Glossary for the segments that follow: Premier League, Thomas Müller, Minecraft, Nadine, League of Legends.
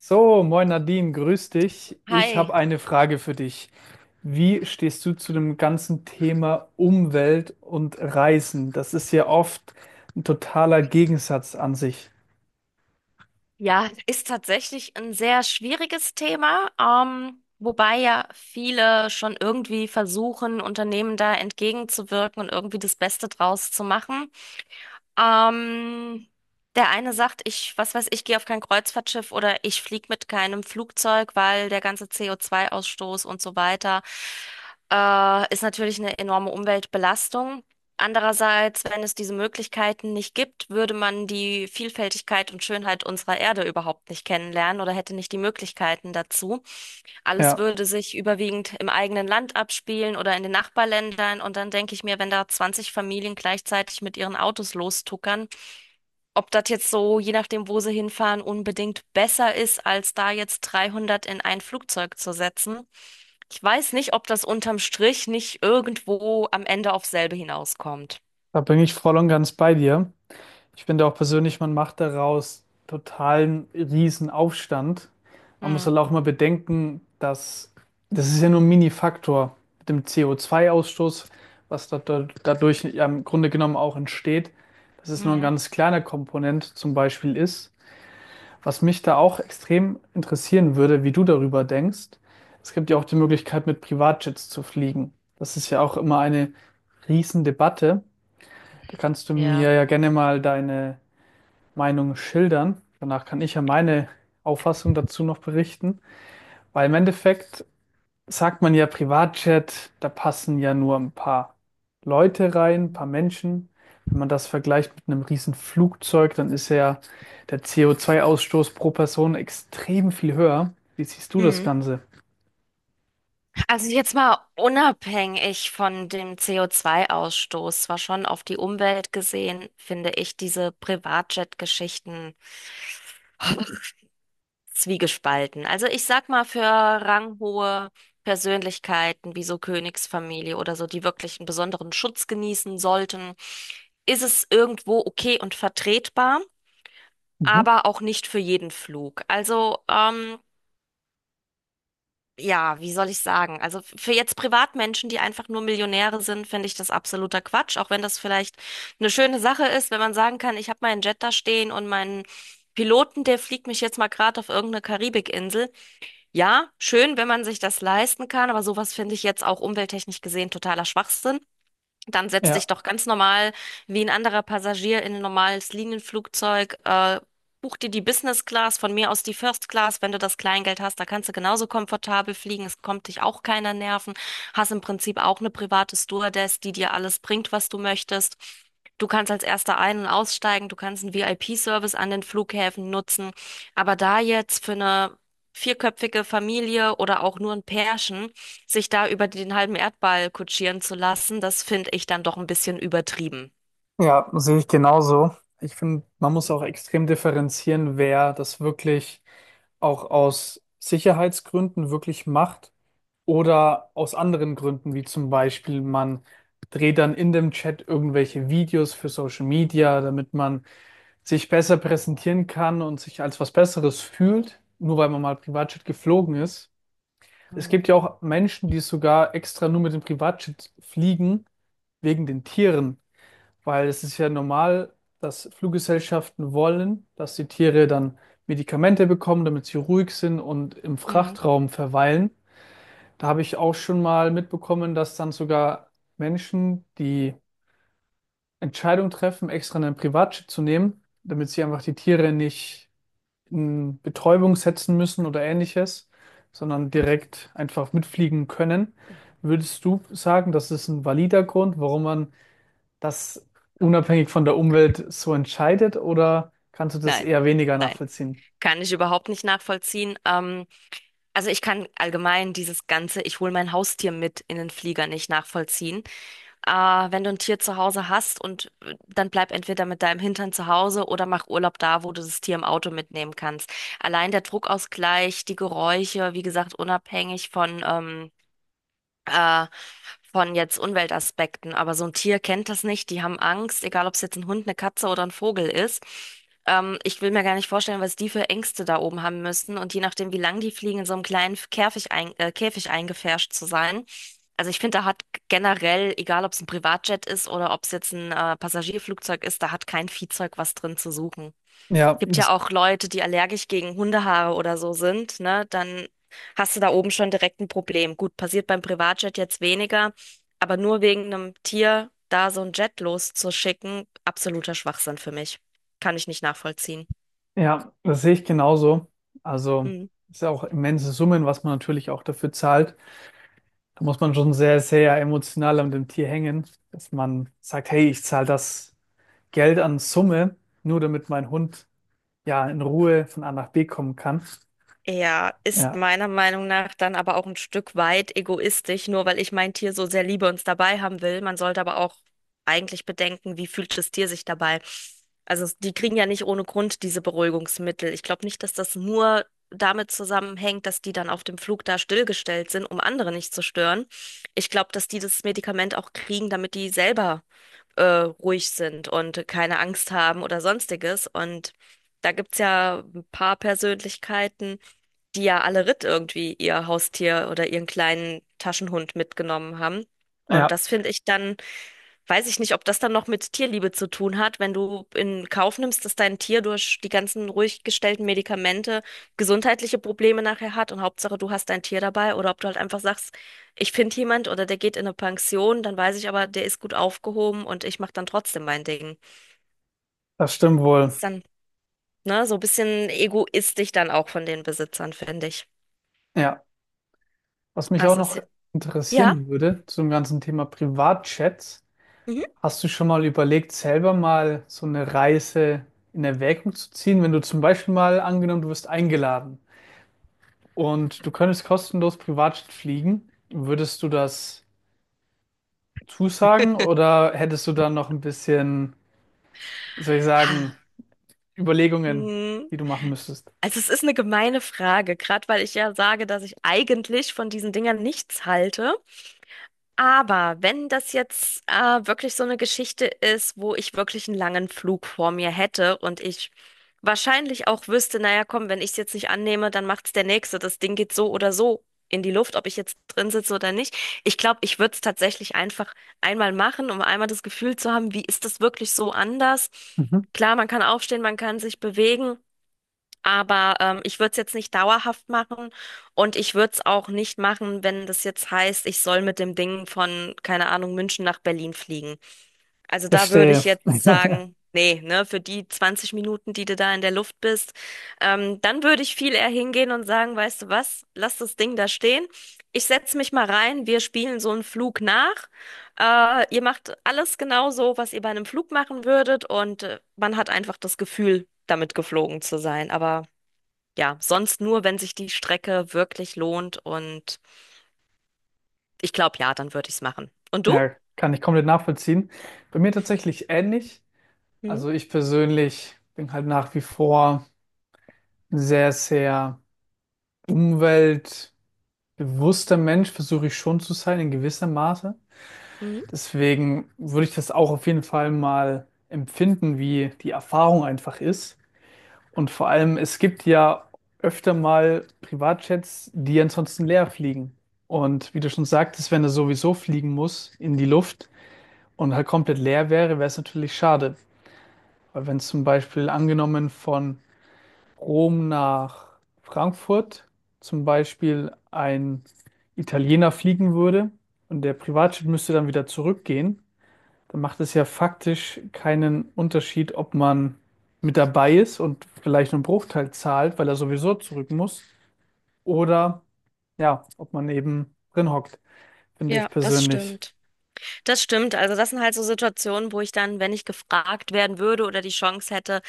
So, moin Nadine, grüß dich. Ich habe Hi. eine Frage für dich. Wie stehst du zu dem ganzen Thema Umwelt und Reisen? Das ist ja oft ein totaler Gegensatz an sich. Ja, ist tatsächlich ein sehr schwieriges Thema, wobei ja viele schon irgendwie versuchen, Unternehmen da entgegenzuwirken und irgendwie das Beste draus zu machen. Ähm, Der eine sagt, ich, was weiß ich, gehe auf kein Kreuzfahrtschiff oder ich fliege mit keinem Flugzeug, weil der ganze CO2-Ausstoß und so weiter ist natürlich eine enorme Umweltbelastung. Andererseits, wenn es diese Möglichkeiten nicht gibt, würde man die Vielfältigkeit und Schönheit unserer Erde überhaupt nicht kennenlernen oder hätte nicht die Möglichkeiten dazu. Alles Ja, würde sich überwiegend im eigenen Land abspielen oder in den Nachbarländern. Und dann denke ich mir, wenn da 20 Familien gleichzeitig mit ihren Autos lostuckern, ob das jetzt so, je nachdem, wo sie hinfahren, unbedingt besser ist, als da jetzt 300 in ein Flugzeug zu setzen. Ich weiß nicht, ob das unterm Strich nicht irgendwo am Ende auf selbe hinauskommt. da bin ich voll und ganz bei dir. Ich finde auch persönlich, man macht daraus totalen Riesenaufstand. Man muss Hm, halt auch mal bedenken, dass das ist ja nur ein Mini-Faktor mit dem CO2-Ausstoß was dadurch ja im Grunde genommen auch entsteht, dass es nur ein hm, ganz kleiner Komponent zum Beispiel ist. Was mich da auch extrem interessieren würde, wie du darüber denkst: Es gibt ja auch die Möglichkeit, mit Privatjets zu fliegen. Das ist ja auch immer eine Riesendebatte. Da kannst du ja. mir ja gerne mal deine Meinung schildern. Danach kann ich ja meine Auffassung dazu noch berichten. Weil im Endeffekt, sagt man ja Privatjet, da passen ja nur ein paar Leute rein, ein paar Menschen. Wenn man das vergleicht mit einem riesen Flugzeug, dann ist ja der CO2-Ausstoß pro Person extrem viel höher. Wie siehst du das Hm. Ganze? Also jetzt mal unabhängig von dem CO2-Ausstoß, zwar schon auf die Umwelt gesehen, finde ich diese Privatjet-Geschichten zwiegespalten. Also ich sag mal für ranghohe Persönlichkeiten wie so Königsfamilie oder so, die wirklich einen besonderen Schutz genießen sollten, ist es irgendwo okay und vertretbar, Mhm. aber auch nicht für jeden Flug. Also ja, wie soll ich sagen? Also für jetzt Privatmenschen, die einfach nur Millionäre sind, finde ich das absoluter Quatsch, auch wenn das vielleicht eine schöne Sache ist, wenn man sagen kann, ich habe meinen Jet da stehen und meinen Piloten, der fliegt mich jetzt mal gerade auf irgendeine Karibikinsel. Ja, schön, wenn man sich das leisten kann, aber sowas finde ich jetzt auch umwelttechnisch gesehen totaler Schwachsinn. Dann setz dich Ja, doch ganz normal wie ein anderer Passagier in ein normales Linienflugzeug. Buch dir die Business Class, von mir aus die First Class, wenn du das Kleingeld hast. Da kannst du genauso komfortabel fliegen. Es kommt dich auch keiner nerven. Hast im Prinzip auch eine private Stewardess, die dir alles bringt, was du möchtest. Du kannst als Erster ein- und aussteigen. Du kannst einen VIP-Service an den Flughäfen nutzen. Aber da jetzt für eine vierköpfige Familie oder auch nur ein Pärchen, sich da über den halben Erdball kutschieren zu lassen, das finde ich dann doch ein bisschen übertrieben. ja, sehe ich genauso. Ich finde, man muss auch extrem differenzieren, wer das wirklich auch aus Sicherheitsgründen wirklich macht, oder aus anderen Gründen, wie zum Beispiel, man dreht dann in dem Chat irgendwelche Videos für Social Media, damit man sich besser präsentieren kann und sich als was Besseres fühlt, nur weil man mal Privatjet geflogen ist. Es Mhm. gibt ja auch Menschen, die sogar extra nur mit dem Privatjet fliegen, wegen den Tieren, weil es ist ja normal, dass Fluggesellschaften wollen, dass die Tiere dann Medikamente bekommen, damit sie ruhig sind und im Mhm. Frachtraum verweilen. Da habe ich auch schon mal mitbekommen, dass dann sogar Menschen die Entscheidung treffen, extra einen Privatjet zu nehmen, damit sie einfach die Tiere nicht in Betäubung setzen müssen oder ähnliches, sondern direkt einfach mitfliegen können. Würdest du sagen, das ist ein valider Grund, warum man das unabhängig von der Umwelt so entscheidet, oder kannst du das Nein, eher weniger nein, nachvollziehen? kann ich überhaupt nicht nachvollziehen. Also ich kann allgemein dieses ganze, ich hole mein Haustier mit in den Flieger nicht nachvollziehen. Äh, Wenn du ein Tier zu Hause hast und dann bleib entweder mit deinem Hintern zu Hause oder mach Urlaub da, wo du das Tier im Auto mitnehmen kannst. Allein der Druckausgleich, die Geräusche, wie gesagt, unabhängig äh, von jetzt Umweltaspekten. Aber so ein Tier kennt das nicht. Die haben Angst, egal ob es jetzt ein Hund, eine Katze oder ein Vogel ist. Ich will mir gar nicht vorstellen, was die für Ängste da oben haben müssen. Und je nachdem, wie lang die fliegen, in so einem kleinen Käfig, Käfig eingepfercht zu sein. Also ich finde, da hat generell, egal ob es ein Privatjet ist oder ob es jetzt ein Passagierflugzeug ist, da hat kein Viehzeug was drin zu suchen. Ja, Gibt ja das auch Leute, die allergisch gegen Hundehaare oder so sind, ne? Dann hast du da oben schon direkt ein Problem. Gut, passiert beim Privatjet jetzt weniger, aber nur wegen einem Tier da so ein Jet loszuschicken, absoluter Schwachsinn für mich. Kann ich nicht nachvollziehen. Ja, das sehe ich genauso. Also Mhm. ist ja auch immense Summen, was man natürlich auch dafür zahlt. Da muss man schon sehr, sehr emotional an dem Tier hängen, dass man sagt: Hey, ich zahle das Geld an Summe, nur damit mein Hund ja in Ruhe von A nach B kommen kann. Ja, ist Ja, meiner Meinung nach dann aber auch ein Stück weit egoistisch, nur weil ich mein Tier so sehr liebe und es dabei haben will. Man sollte aber auch eigentlich bedenken, wie fühlt das Tier sich dabei. Also die kriegen ja nicht ohne Grund diese Beruhigungsmittel. Ich glaube nicht, dass das nur damit zusammenhängt, dass die dann auf dem Flug da stillgestellt sind, um andere nicht zu stören. Ich glaube, dass die das Medikament auch kriegen, damit die selber ruhig sind und keine Angst haben oder sonstiges. Und da gibt's ja ein paar Persönlichkeiten, die ja alle Ritt irgendwie ihr Haustier oder ihren kleinen Taschenhund mitgenommen haben. Und ja, das finde ich dann. Weiß ich nicht, ob das dann noch mit Tierliebe zu tun hat, wenn du in Kauf nimmst, dass dein Tier durch die ganzen ruhig gestellten Medikamente gesundheitliche Probleme nachher hat und Hauptsache du hast dein Tier dabei oder ob du halt einfach sagst, ich finde jemand oder der geht in eine Pension, dann weiß ich aber, der ist gut aufgehoben und ich mache dann trotzdem mein Ding. das stimmt wohl. Ist dann, ne, so ein bisschen egoistisch dann auch von den Besitzern, finde ich. Ja, was mich auch Das ist noch ja. Ja. interessieren würde zum ganzen Thema Privatchats. Mhm. Hast du schon mal überlegt, selber mal so eine Reise in Erwägung zu ziehen? Wenn du zum Beispiel, mal angenommen, du wirst eingeladen und du könntest kostenlos Privatjet fliegen, würdest du das zusagen oder hättest du dann noch ein bisschen, wie soll ich sagen, Ah. Überlegungen, Mhm. die du machen müsstest? Also es ist eine gemeine Frage, gerade weil ich ja sage, dass ich eigentlich von diesen Dingern nichts halte. Aber wenn das jetzt wirklich so eine Geschichte ist, wo ich wirklich einen langen Flug vor mir hätte und ich wahrscheinlich auch wüsste, naja, komm, wenn ich es jetzt nicht annehme, dann macht's der Nächste. Das Ding geht so oder so in die Luft, ob ich jetzt drin sitze oder nicht. Ich glaube, ich würde es tatsächlich einfach einmal machen, um einmal das Gefühl zu haben, wie ist das wirklich so anders? Mhm. Klar, man kann aufstehen, man kann sich bewegen. Aber ich würde es jetzt nicht dauerhaft machen und ich würde es auch nicht machen, wenn das jetzt heißt, ich soll mit dem Ding von, keine Ahnung, München nach Berlin fliegen. Also da würde ich Verstehe. jetzt sagen, nee, ne, für die 20 Minuten, die du da in der Luft bist, dann würde ich viel eher hingehen und sagen, weißt du was, lass das Ding da stehen. Ich setze mich mal rein, wir spielen so einen Flug nach. Ihr macht alles genau so, was ihr bei einem Flug machen würdet und man hat einfach das Gefühl, damit geflogen zu sein. Aber ja, sonst nur, wenn sich die Strecke wirklich lohnt und ich glaube, ja, dann würde ich es machen. Und du? Ja, kann ich komplett nachvollziehen. Bei mir tatsächlich ähnlich. Mhm. Also ich persönlich bin halt nach wie vor sehr, sehr Umwelt Bewusster Mensch, versuche ich schon zu sein, in gewissem Maße. Mhm. Deswegen würde ich das auch auf jeden Fall mal empfinden, wie die Erfahrung einfach ist. Und vor allem, es gibt ja öfter mal Privatjets, die ansonsten leer fliegen. Und wie du schon sagtest, wenn er sowieso fliegen muss in die Luft und halt komplett leer wäre, wäre es natürlich schade. Weil wenn es zum Beispiel, angenommen, von Rom nach Frankfurt zum Beispiel ein Italiener fliegen würde und der Privatjet müsste dann wieder zurückgehen, dann macht es ja faktisch keinen Unterschied, ob man mit dabei ist und vielleicht einen Bruchteil zahlt, weil er sowieso zurück muss, oder ja, ob man eben drin hockt, finde ich Ja, das persönlich. stimmt. Das stimmt. Also das sind halt so Situationen, wo ich dann, wenn ich gefragt werden würde oder die Chance hätte,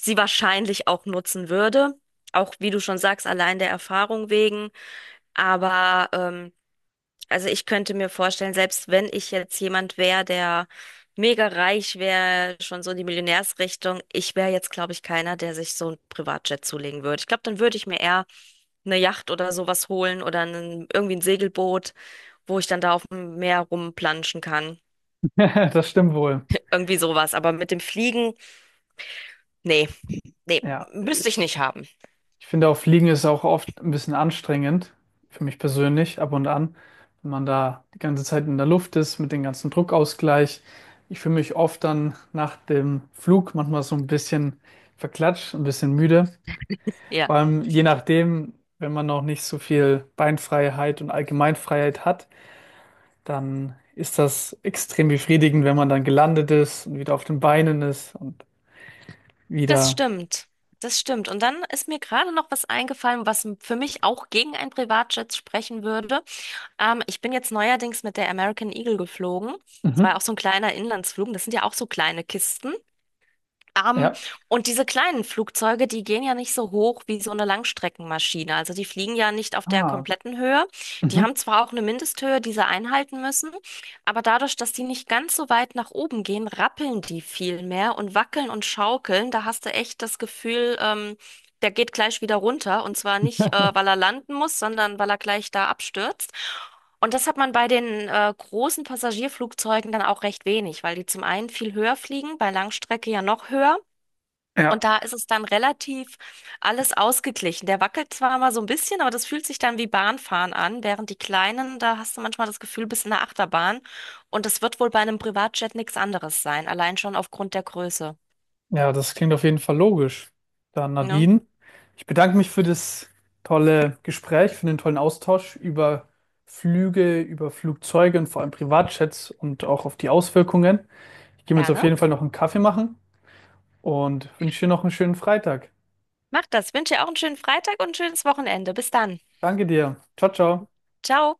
sie wahrscheinlich auch nutzen würde. Auch wie du schon sagst, allein der Erfahrung wegen. Aber also ich könnte mir vorstellen, selbst wenn ich jetzt jemand wäre, der mega reich wäre, schon so in die Millionärsrichtung, ich wäre jetzt, glaube ich, keiner, der sich so ein Privatjet zulegen würde. Ich glaube, dann würde ich mir eher eine Yacht oder sowas holen oder irgendwie ein Segelboot, wo ich dann da auf dem Meer rumplanschen kann. Das stimmt wohl. Irgendwie sowas. Aber mit dem Fliegen, nee, nee, Ja, müsste ich ich nicht haben. Ich finde auch, Fliegen ist auch oft ein bisschen anstrengend, für mich persönlich, ab und an, wenn man da die ganze Zeit in der Luft ist, mit dem ganzen Druckausgleich. Ich fühle mich oft dann nach dem Flug manchmal so ein bisschen verklatscht, ein bisschen müde. Ja. Vor allem je nachdem, wenn man noch nicht so viel Beinfreiheit und Allgemeinfreiheit hat, dann ist das extrem befriedigend, wenn man dann gelandet ist und wieder auf den Beinen ist und Das wieder. stimmt. Das stimmt. Und dann ist mir gerade noch was eingefallen, was für mich auch gegen einen Privatjet sprechen würde. Ich bin jetzt neuerdings mit der American Eagle geflogen. Das war ja Mhm. auch so ein kleiner Inlandsflug. Das sind ja auch so kleine Kisten. Ähm, Ja. und diese kleinen Flugzeuge, die gehen ja nicht so hoch wie so eine Langstreckenmaschine. Also die fliegen ja nicht auf der Ah. kompletten Höhe. Die Mhm. haben zwar auch eine Mindesthöhe, die sie einhalten müssen, aber dadurch, dass die nicht ganz so weit nach oben gehen, rappeln die viel mehr und wackeln und schaukeln. Da hast du echt das Gefühl, der geht gleich wieder runter. Und zwar nicht, weil er landen muss, sondern weil er gleich da abstürzt. Und das hat man bei den großen Passagierflugzeugen dann auch recht wenig, weil die zum einen viel höher fliegen, bei Langstrecke ja noch höher. Und Ja. da ist es dann relativ alles ausgeglichen. Der wackelt zwar mal so ein bisschen, aber das fühlt sich dann wie Bahnfahren an, während die kleinen, da hast du manchmal das Gefühl, bist in der Achterbahn. Und das wird wohl bei einem Privatjet nichts anderes sein, allein schon aufgrund der Größe. Ja, das klingt auf jeden Fall logisch. Dann, Ne? Nadine, ich bedanke mich für das tolle Gespräch, für den tollen Austausch über Flüge, über Flugzeuge und vor allem Privatjets und auch auf die Auswirkungen. Ich gehe mir jetzt auf Gerne. jeden Fall noch einen Kaffee machen und wünsche dir noch einen schönen Freitag. Mach das. Wünsche dir auch einen schönen Freitag und ein schönes Wochenende. Bis dann. Danke dir. Ciao, ciao. Ciao.